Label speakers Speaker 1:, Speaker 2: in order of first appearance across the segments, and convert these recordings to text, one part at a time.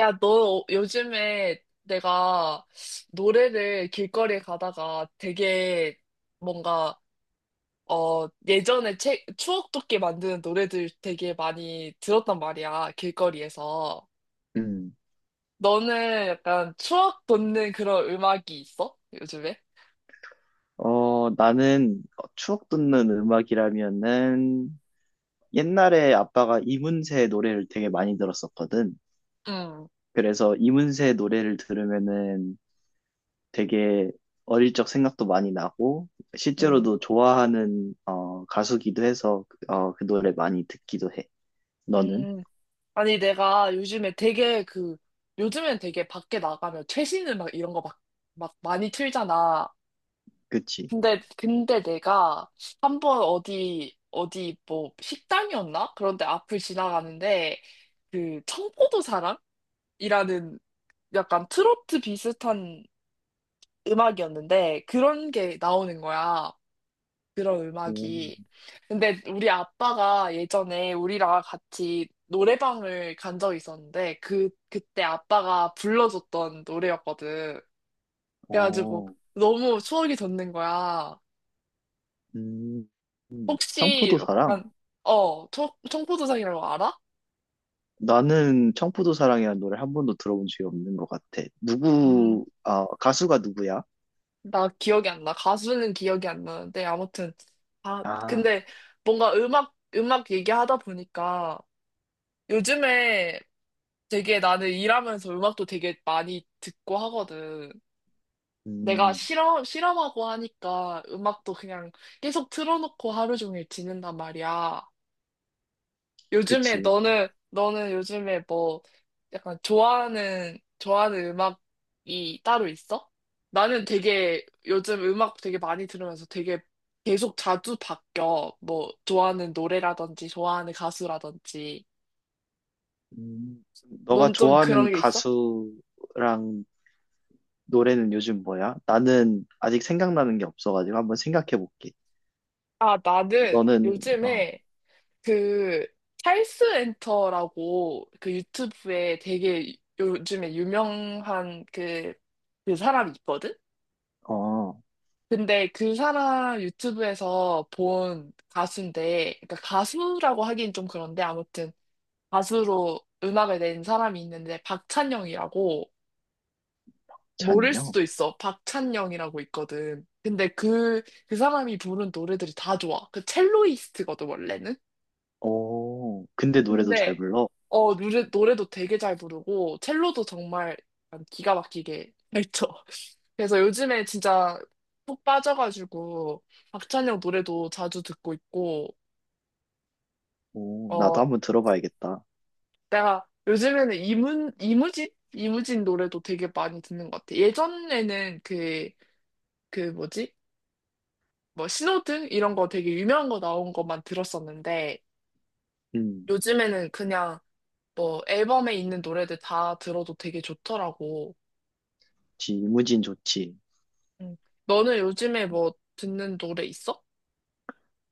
Speaker 1: 야, 너 요즘에 내가 노래를 길거리에 가다가 되게 뭔가, 예전에 책, 추억 돋게 만드는 노래들 되게 많이 들었단 말이야, 길거리에서.
Speaker 2: 음.
Speaker 1: 너는 약간 추억 돋는 그런 음악이 있어? 요즘에?
Speaker 2: 나는 추억 돋는 음악이라면은 옛날에 아빠가 이문세 노래를 되게 많이 들었었거든.
Speaker 1: 응,
Speaker 2: 그래서 이문세 노래를 들으면은 되게 어릴 적 생각도 많이 나고
Speaker 1: 응,
Speaker 2: 실제로도 좋아하는 가수기도 해서 그 노래 많이 듣기도 해. 너는?
Speaker 1: 응. 아니, 내가 요즘에 되게 요즘엔 되게 밖에 나가면 최신 음악 이런 거 막, 막 많이 틀잖아.
Speaker 2: 그치?
Speaker 1: 근데 내가 한번 어디, 어디 뭐 식당이었나? 그런데 앞을 지나가는데 그 청포도 사랑이라는 약간 트로트 비슷한 음악이었는데 그런 게 나오는 거야. 그런
Speaker 2: 음.
Speaker 1: 음악이. 근데 우리 아빠가 예전에 우리랑 같이 노래방을 간 적이 있었는데 그, 그때 아빠가 불러줬던 노래였거든. 그래가지고
Speaker 2: 어,
Speaker 1: 너무 추억이 돋는 거야.
Speaker 2: 음,
Speaker 1: 혹시
Speaker 2: 청포도사랑?
Speaker 1: 약간 어 청, 청포도상이라고 알아?
Speaker 2: 나는 청포도 사랑이라는 노래 한 번도 들어본 적이 없는 것 같아.
Speaker 1: 음,
Speaker 2: 누구, 아, 가수가 누구야?
Speaker 1: 나 기억이 안 나. 가수는 기억이 안 나는데 아무튼 아
Speaker 2: 아,
Speaker 1: 근데 뭔가 음악 얘기하다 보니까 요즘에 되게 나는 일하면서 음악도 되게 많이 듣고 하거든. 내가
Speaker 2: 음,
Speaker 1: 실험하고 하니까 음악도 그냥 계속 틀어놓고 하루 종일 지낸단 말이야. 요즘에
Speaker 2: 그치.
Speaker 1: 너는 요즘에 뭐 약간 좋아하는 음악이 따로 있어? 나는 되게 요즘 음악 되게 많이 들으면서 되게 계속 자주 바뀌어. 뭐 좋아하는 노래라든지 좋아하는 가수라든지.
Speaker 2: 음, 너가
Speaker 1: 넌 좀
Speaker 2: 좋아하는
Speaker 1: 그런 게 있어?
Speaker 2: 가수랑 노래는 요즘 뭐야? 나는 아직 생각나는 게 없어가지고 한번 생각해 볼게.
Speaker 1: 아, 나는
Speaker 2: 너는, 어,
Speaker 1: 요즘에 그 찰스 엔터라고 그 유튜브에 되게 요즘에 유명한 그 사람이 있거든?
Speaker 2: 어,
Speaker 1: 근데 그 사람 유튜브에서 본 가수인데, 그러니까 가수라고 하긴 좀 그런데 아무튼 가수로 음악을 낸 사람이 있는데 박찬영이라고 모를
Speaker 2: 잔요?
Speaker 1: 수도 있어. 박찬영이라고 있거든. 근데 그, 그 사람이 부른 노래들이 다 좋아. 그 첼로이스트거든, 원래는.
Speaker 2: 오, 근데 노래도 잘
Speaker 1: 근데,
Speaker 2: 불러?
Speaker 1: 어, 노래도 되게 잘 부르고, 첼로도 정말 약간 기가 막히게 잘 쳐. 그래서 요즘에 진짜 푹 빠져가지고, 박찬영 노래도 자주 듣고 있고,
Speaker 2: 오,
Speaker 1: 어,
Speaker 2: 나도 한번 들어봐야겠다.
Speaker 1: 내가 요즘에는 이문, 이무진? 이무진 노래도 되게 많이 듣는 것 같아. 예전에는 그, 그 뭐지? 뭐 신호등? 이런 거 되게 유명한 거 나온 것만 들었었는데
Speaker 2: 음,
Speaker 1: 요즘에는 그냥 뭐 앨범에 있는 노래들 다 들어도 되게 좋더라고.
Speaker 2: 지무진 이 좋지.
Speaker 1: 응. 너는 요즘에 뭐 듣는 노래 있어?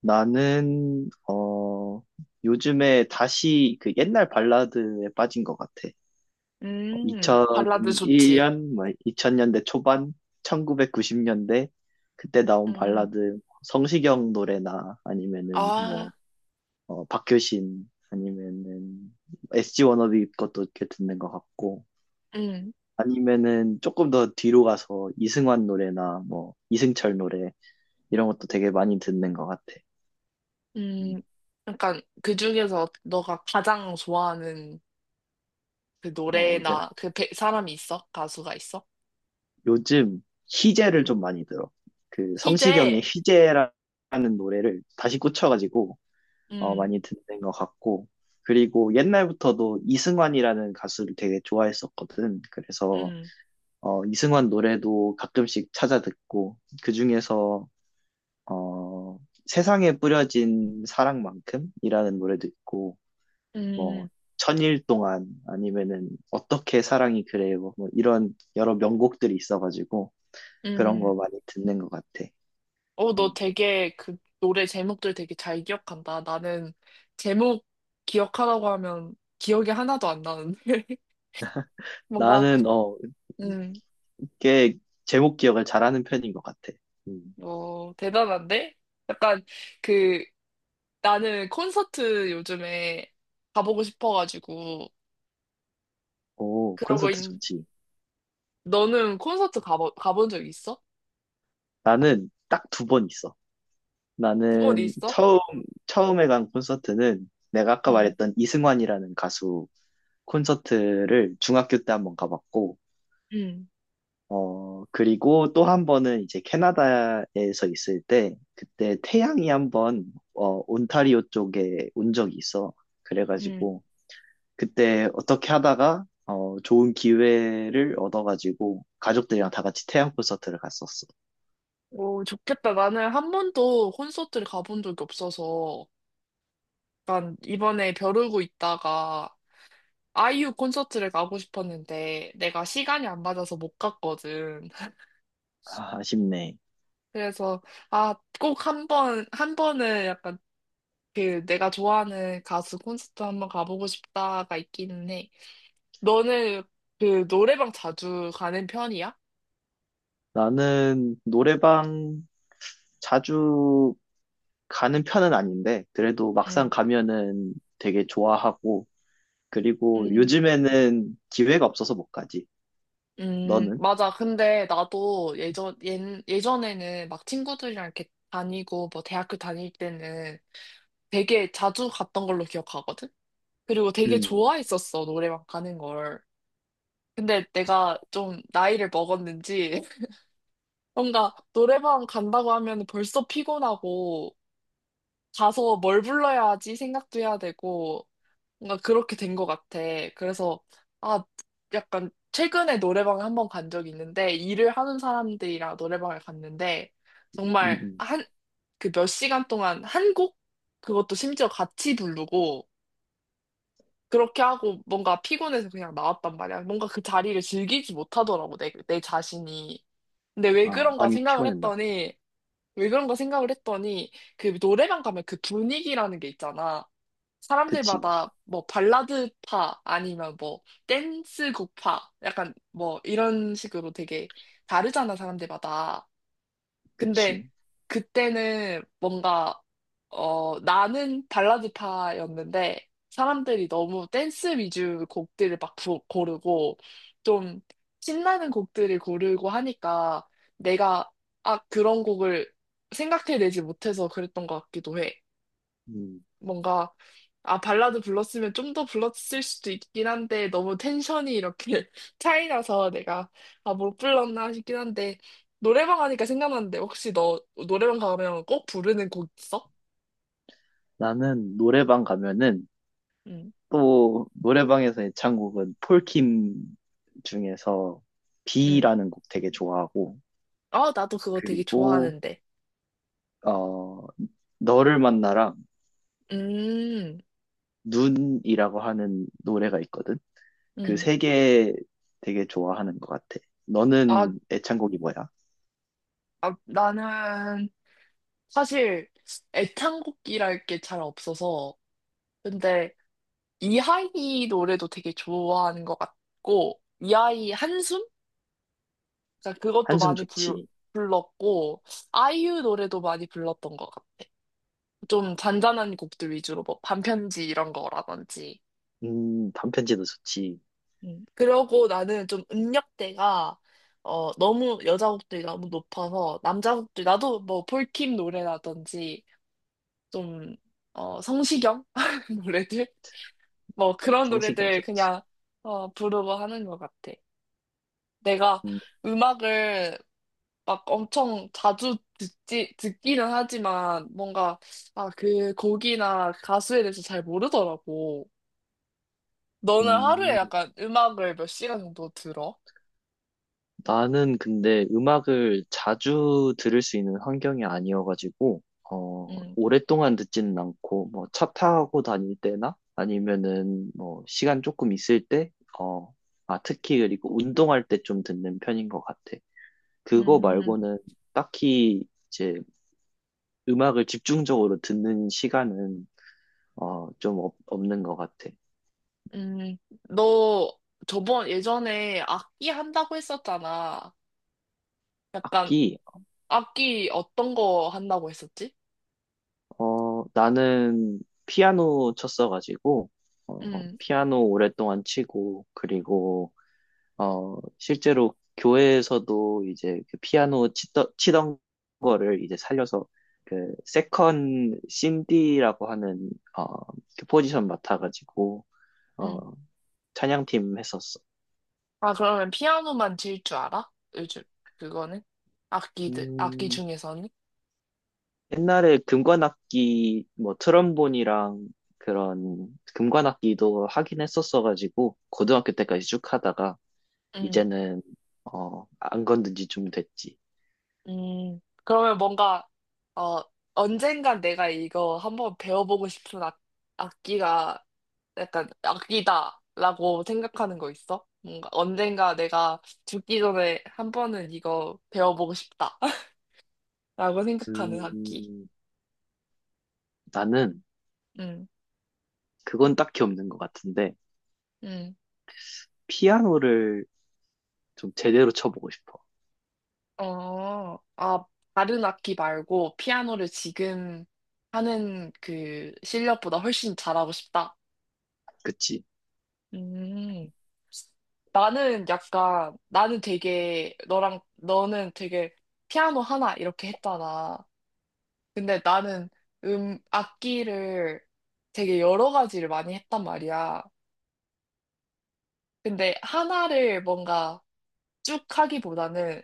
Speaker 2: 나는, 어, 요즘에 다시 그 옛날 발라드에 빠진 것 같아.
Speaker 1: 발라드 좋지.
Speaker 2: 2001년, 2000년대 초반, 1990년대, 그때 나온
Speaker 1: 음,
Speaker 2: 발라드, 성시경 노래나 아니면은
Speaker 1: 아,
Speaker 2: 박효신, 아니면은 SG 워너비 것도 이렇게 듣는 것 같고,
Speaker 1: 음,
Speaker 2: 아니면은 조금 더 뒤로 가서 이승환 노래나 뭐, 이승철 노래, 이런 것도 되게 많이 듣는 것 같아. 음.
Speaker 1: 음. 약간 그 중에서 너가 가장 좋아하는 그
Speaker 2: 어, 내가
Speaker 1: 노래나 그 배- 사람이 있어? 가수가 있어?
Speaker 2: 요즘 희재를
Speaker 1: 응.
Speaker 2: 좀 많이 들어. 그 성시경의
Speaker 1: 희재.
Speaker 2: 희재라는 노래를 다시 꽂혀가지고 많이
Speaker 1: 응
Speaker 2: 듣는 것 같고. 그리고 옛날부터도 이승환이라는 가수를 되게 좋아했었거든. 그래서
Speaker 1: 응
Speaker 2: 이승환 노래도 가끔씩 찾아 듣고 그중에서 어, 세상에 뿌려진 사랑만큼이라는 노래도 있고 뭐
Speaker 1: 응
Speaker 2: 천일 동안 아니면은 어떻게 사랑이 그래요 뭐 이런 여러 명곡들이 있어가지고 그런
Speaker 1: 응
Speaker 2: 거 많이 듣는 것 같아.
Speaker 1: 어, 너
Speaker 2: 음.
Speaker 1: 되게 그 노래 제목들 되게 잘 기억한다. 나는 제목 기억하라고 하면 기억이 하나도 안 나는데. 뭔가,
Speaker 2: 나는, 어,
Speaker 1: 음,
Speaker 2: 꽤 제목 기억을 잘하는 편인 것 같아. 음.
Speaker 1: 어, 대단한데? 약간 그 나는 콘서트 요즘에 가보고 싶어가지고
Speaker 2: 오,
Speaker 1: 그러고 있,
Speaker 2: 콘서트 좋지.
Speaker 1: 너는 콘서트 가보, 가본 적 있어?
Speaker 2: 나는 딱 두 번 있어.
Speaker 1: 두 번
Speaker 2: 나는
Speaker 1: 있어?
Speaker 2: 처음, 처음에 간 콘서트는 내가 아까
Speaker 1: 응,
Speaker 2: 말했던 이승환이라는 가수 콘서트를 중학교 때 한번 가봤고,
Speaker 1: 응,
Speaker 2: 그리고 또 한 번은 이제 캐나다에서 있을 때, 그때 태양이 한 번, 온타리오 쪽에 온 적이 있어.
Speaker 1: 응.
Speaker 2: 그래가지고, 그때 어떻게 하다가 좋은 기회를 얻어가지고 가족들이랑 다 같이 태양 콘서트를 갔었어.
Speaker 1: 오, 좋겠다. 나는 한 번도 콘서트를 가본 적이 없어서, 난 이번에 벼르고 있다가 아이유 콘서트를 가고 싶었는데, 내가 시간이 안 맞아서 못 갔거든.
Speaker 2: 아, 아쉽네.
Speaker 1: 그래서, 아, 꼭 한 번, 한 번은 약간 그 내가 좋아하는 가수 콘서트 한번 가보고 싶다가 있기는 해. 너는 그 노래방 자주 가는 편이야?
Speaker 2: 나는 노래방 자주 가는 편은 아닌데 그래도 막상 가면은 되게 좋아하고 그리고
Speaker 1: 응.
Speaker 2: 요즘에는 기회가 없어서 못 가지. 너는?
Speaker 1: 맞아. 근데 나도 예전, 예, 예전에는 막 친구들이랑 이렇게 다니고 뭐 대학교 다닐 때는 되게 자주 갔던 걸로 기억하거든? 그리고 되게
Speaker 2: 음,
Speaker 1: 좋아했었어, 노래방 가는 걸. 근데 내가 좀 나이를 먹었는지 뭔가 노래방 간다고 하면 벌써 피곤하고 가서 뭘 불러야 하지 생각도 해야 되고 뭔가 그렇게 된 것 같아. 그래서, 아, 약간, 최근에 노래방에 한 번 간 적이 있는데, 일을 하는 사람들이랑 노래방을 갔는데,
Speaker 2: 음,
Speaker 1: 정말,
Speaker 2: 음.
Speaker 1: 한, 그 몇 시간 동안 한 곡? 그것도 심지어 같이 부르고, 그렇게 하고, 뭔가 피곤해서 그냥 나왔단 말이야. 뭔가 그 자리를 즐기지 못하더라고, 내, 내 자신이. 근데 왜
Speaker 2: 아,
Speaker 1: 그런가
Speaker 2: 많이
Speaker 1: 생각을
Speaker 2: 피곤했나 봐.
Speaker 1: 했더니, 왜 그런가 생각을 했더니, 그 노래방 가면 그 분위기라는 게 있잖아.
Speaker 2: 그치,
Speaker 1: 사람들마다 뭐 발라드파 아니면 뭐 댄스곡파 약간 뭐 이런 식으로 되게 다르잖아 사람들마다. 근데
Speaker 2: 그치.
Speaker 1: 그때는 뭔가 어 나는 발라드파였는데 사람들이 너무 댄스 위주 곡들을 막 부- 고르고 좀 신나는 곡들을 고르고 하니까 내가 아 그런 곡을 생각해내지 못해서 그랬던 것 같기도 해.
Speaker 2: 음.
Speaker 1: 뭔가 아 발라드 불렀으면 좀 더 불렀을 수도 있긴 한데 너무 텐션이 이렇게 차이 나서 내가 아 못 불렀나 싶긴 한데 노래방 하니까 생각났는데 혹시 너 노래방 가면 꼭 부르는 곡 있어?
Speaker 2: 나는 노래방 가면은
Speaker 1: 응,
Speaker 2: 또 노래방에서 애창곡은 폴킴 중에서
Speaker 1: 응.
Speaker 2: 비라는 곡 되게 좋아하고
Speaker 1: 아 나도 그거 되게
Speaker 2: 그리고
Speaker 1: 좋아하는데.
Speaker 2: 어 너를 만나랑
Speaker 1: 음,
Speaker 2: 눈이라고 하는 노래가 있거든. 그
Speaker 1: 음.
Speaker 2: 세 개 되게 좋아하는 것 같아.
Speaker 1: 아,
Speaker 2: 너는 애창곡이 뭐야?
Speaker 1: 아 나는 사실 애창곡이랄 게 잘 없어서 근데 이하이 노래도 되게 좋아하는 것 같고 이하이 한숨? 그러니까 그것도
Speaker 2: 한숨
Speaker 1: 많이 불,
Speaker 2: 좋지.
Speaker 1: 불렀고, 아이유 노래도 많이 불렀던 것 같아. 좀 잔잔한 곡들 위주로, 뭐, 반편지 이런 거라든지.
Speaker 2: 단편지도 좋지.
Speaker 1: 음. 그러고 나는 좀 음역대가, 어, 너무 여자 곡들이 너무 높아서, 남자 곡들, 나도 뭐, 폴킴 노래라든지, 좀, 어, 성시경 노래들? 뭐, 그런
Speaker 2: 성시경
Speaker 1: 노래들
Speaker 2: 좋지.
Speaker 1: 그냥, 어, 부르고 하는 것 같아. 내가
Speaker 2: 음,
Speaker 1: 음악을 막 엄청 자주 듣지, 듣기는 하지만 뭔가, 아, 그 곡이나 가수에 대해서 잘 모르더라고. 너는 하루에
Speaker 2: 음.
Speaker 1: 약간 음악을 몇 시간 정도 들어?
Speaker 2: 나는 근데 음악을 자주 들을 수 있는 환경이 아니어가지고,
Speaker 1: 음,
Speaker 2: 오랫동안 듣지는 않고, 뭐, 차 타고 다닐 때나, 아니면은, 뭐, 시간 조금 있을 때, 어, 특히 그리고 운동할 때 좀 듣는 편인 것 같아. 그거
Speaker 1: 음,
Speaker 2: 말고는 딱히 이제 음악을 집중적으로 듣는 시간은, 없는 것 같아.
Speaker 1: 음. 너 저번 예전에 악기 한다고 했었잖아. 약간
Speaker 2: 악기,
Speaker 1: 악기 어떤 거 한다고 했었지?
Speaker 2: 나는 피아노 쳤어가지고,
Speaker 1: 음,
Speaker 2: 피아노 오랫동안 치고, 그리고, 실제로 교회에서도 이제 그 치던 거를 이제 살려서 그 세컨 신디라고 하는, 어, 그 포지션 맡아가지고, 어,
Speaker 1: 음.
Speaker 2: 찬양팀 했었어.
Speaker 1: 아, 그러면 피아노만 칠 줄 알아? 요즘 그거는? 악기들, 악기
Speaker 2: 음,
Speaker 1: 중에서는?
Speaker 2: 옛날에 금관악기, 뭐 트럼본이랑 그런 금관악기도 하긴 했었어가지고, 고등학교 때까지 쭉 하다가, 이제는 안 건든 지 좀 됐지.
Speaker 1: 그러면 뭔가, 어, 언젠간 내가 이거 한번 배워보고 싶은 악, 악기가 약간 악기다라고 생각하는 거 있어? 뭔가 언젠가 내가 죽기 전에 한 번은 이거 배워보고 싶다라고 생각하는 악기.
Speaker 2: 음, 나는
Speaker 1: 음,
Speaker 2: 그건 딱히 없는 것 같은데
Speaker 1: 음.
Speaker 2: 피아노를 좀 제대로 쳐보고 싶어.
Speaker 1: 어, 아, 다른 악기 말고 피아노를 지금 하는 그 실력보다 훨씬 잘하고 싶다.
Speaker 2: 그치?
Speaker 1: 음. 나는 약간, 나는 되게, 너랑, 너는 되게 피아노 하나 이렇게 했잖아. 근데 나는 악기를 되게 여러 가지를 많이 했단 말이야. 근데 하나를 뭔가 쭉 하기보다는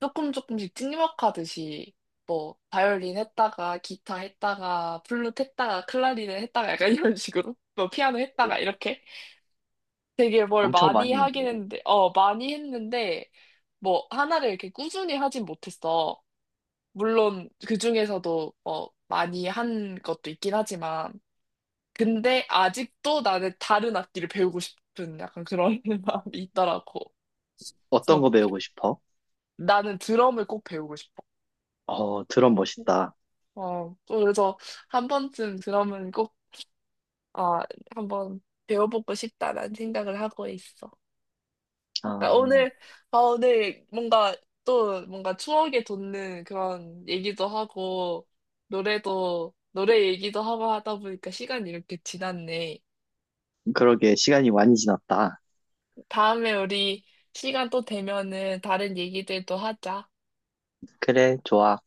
Speaker 1: 조금 조금씩 찍먹하듯이 뭐, 바이올린 했다가, 기타 했다가, 플룻 했다가, 클라리넷 했다가 약간 이런 식으로, 뭐, 피아노
Speaker 2: 오,
Speaker 1: 했다가 이렇게. 되게 뭘
Speaker 2: 엄청
Speaker 1: 많이
Speaker 2: 많이 했네.
Speaker 1: 하긴 했는데, 어, 많이 했는데, 뭐, 하나를 이렇게 꾸준히 하진 못했어. 물론, 그 중에서도, 어, 많이 한 것도 있긴 하지만, 근데 아직도 나는 다른 악기를 배우고 싶은 약간 그런 마음이 있더라고.
Speaker 2: 어떤
Speaker 1: 그래서
Speaker 2: 거 배우고 싶어?
Speaker 1: 나는 드럼을 꼭 배우고 싶어.
Speaker 2: 어, 드럼 멋있다.
Speaker 1: 어, 또 그래서 한 번쯤 드럼은 꼭, 아, 한번 배워보고 싶다라는 생각을 하고 있어. 아,
Speaker 2: 아,
Speaker 1: 오늘, 아, 오늘 뭔가 또 뭔가 추억에 돋는 그런 얘기도 하고, 노래도, 노래 얘기도 하고 하다 보니까 시간이 이렇게 지났네.
Speaker 2: 그러게 시간이 많이 지났다.
Speaker 1: 다음에 우리 시간 또 되면은 다른 얘기들도 하자.
Speaker 2: 그래, 좋아.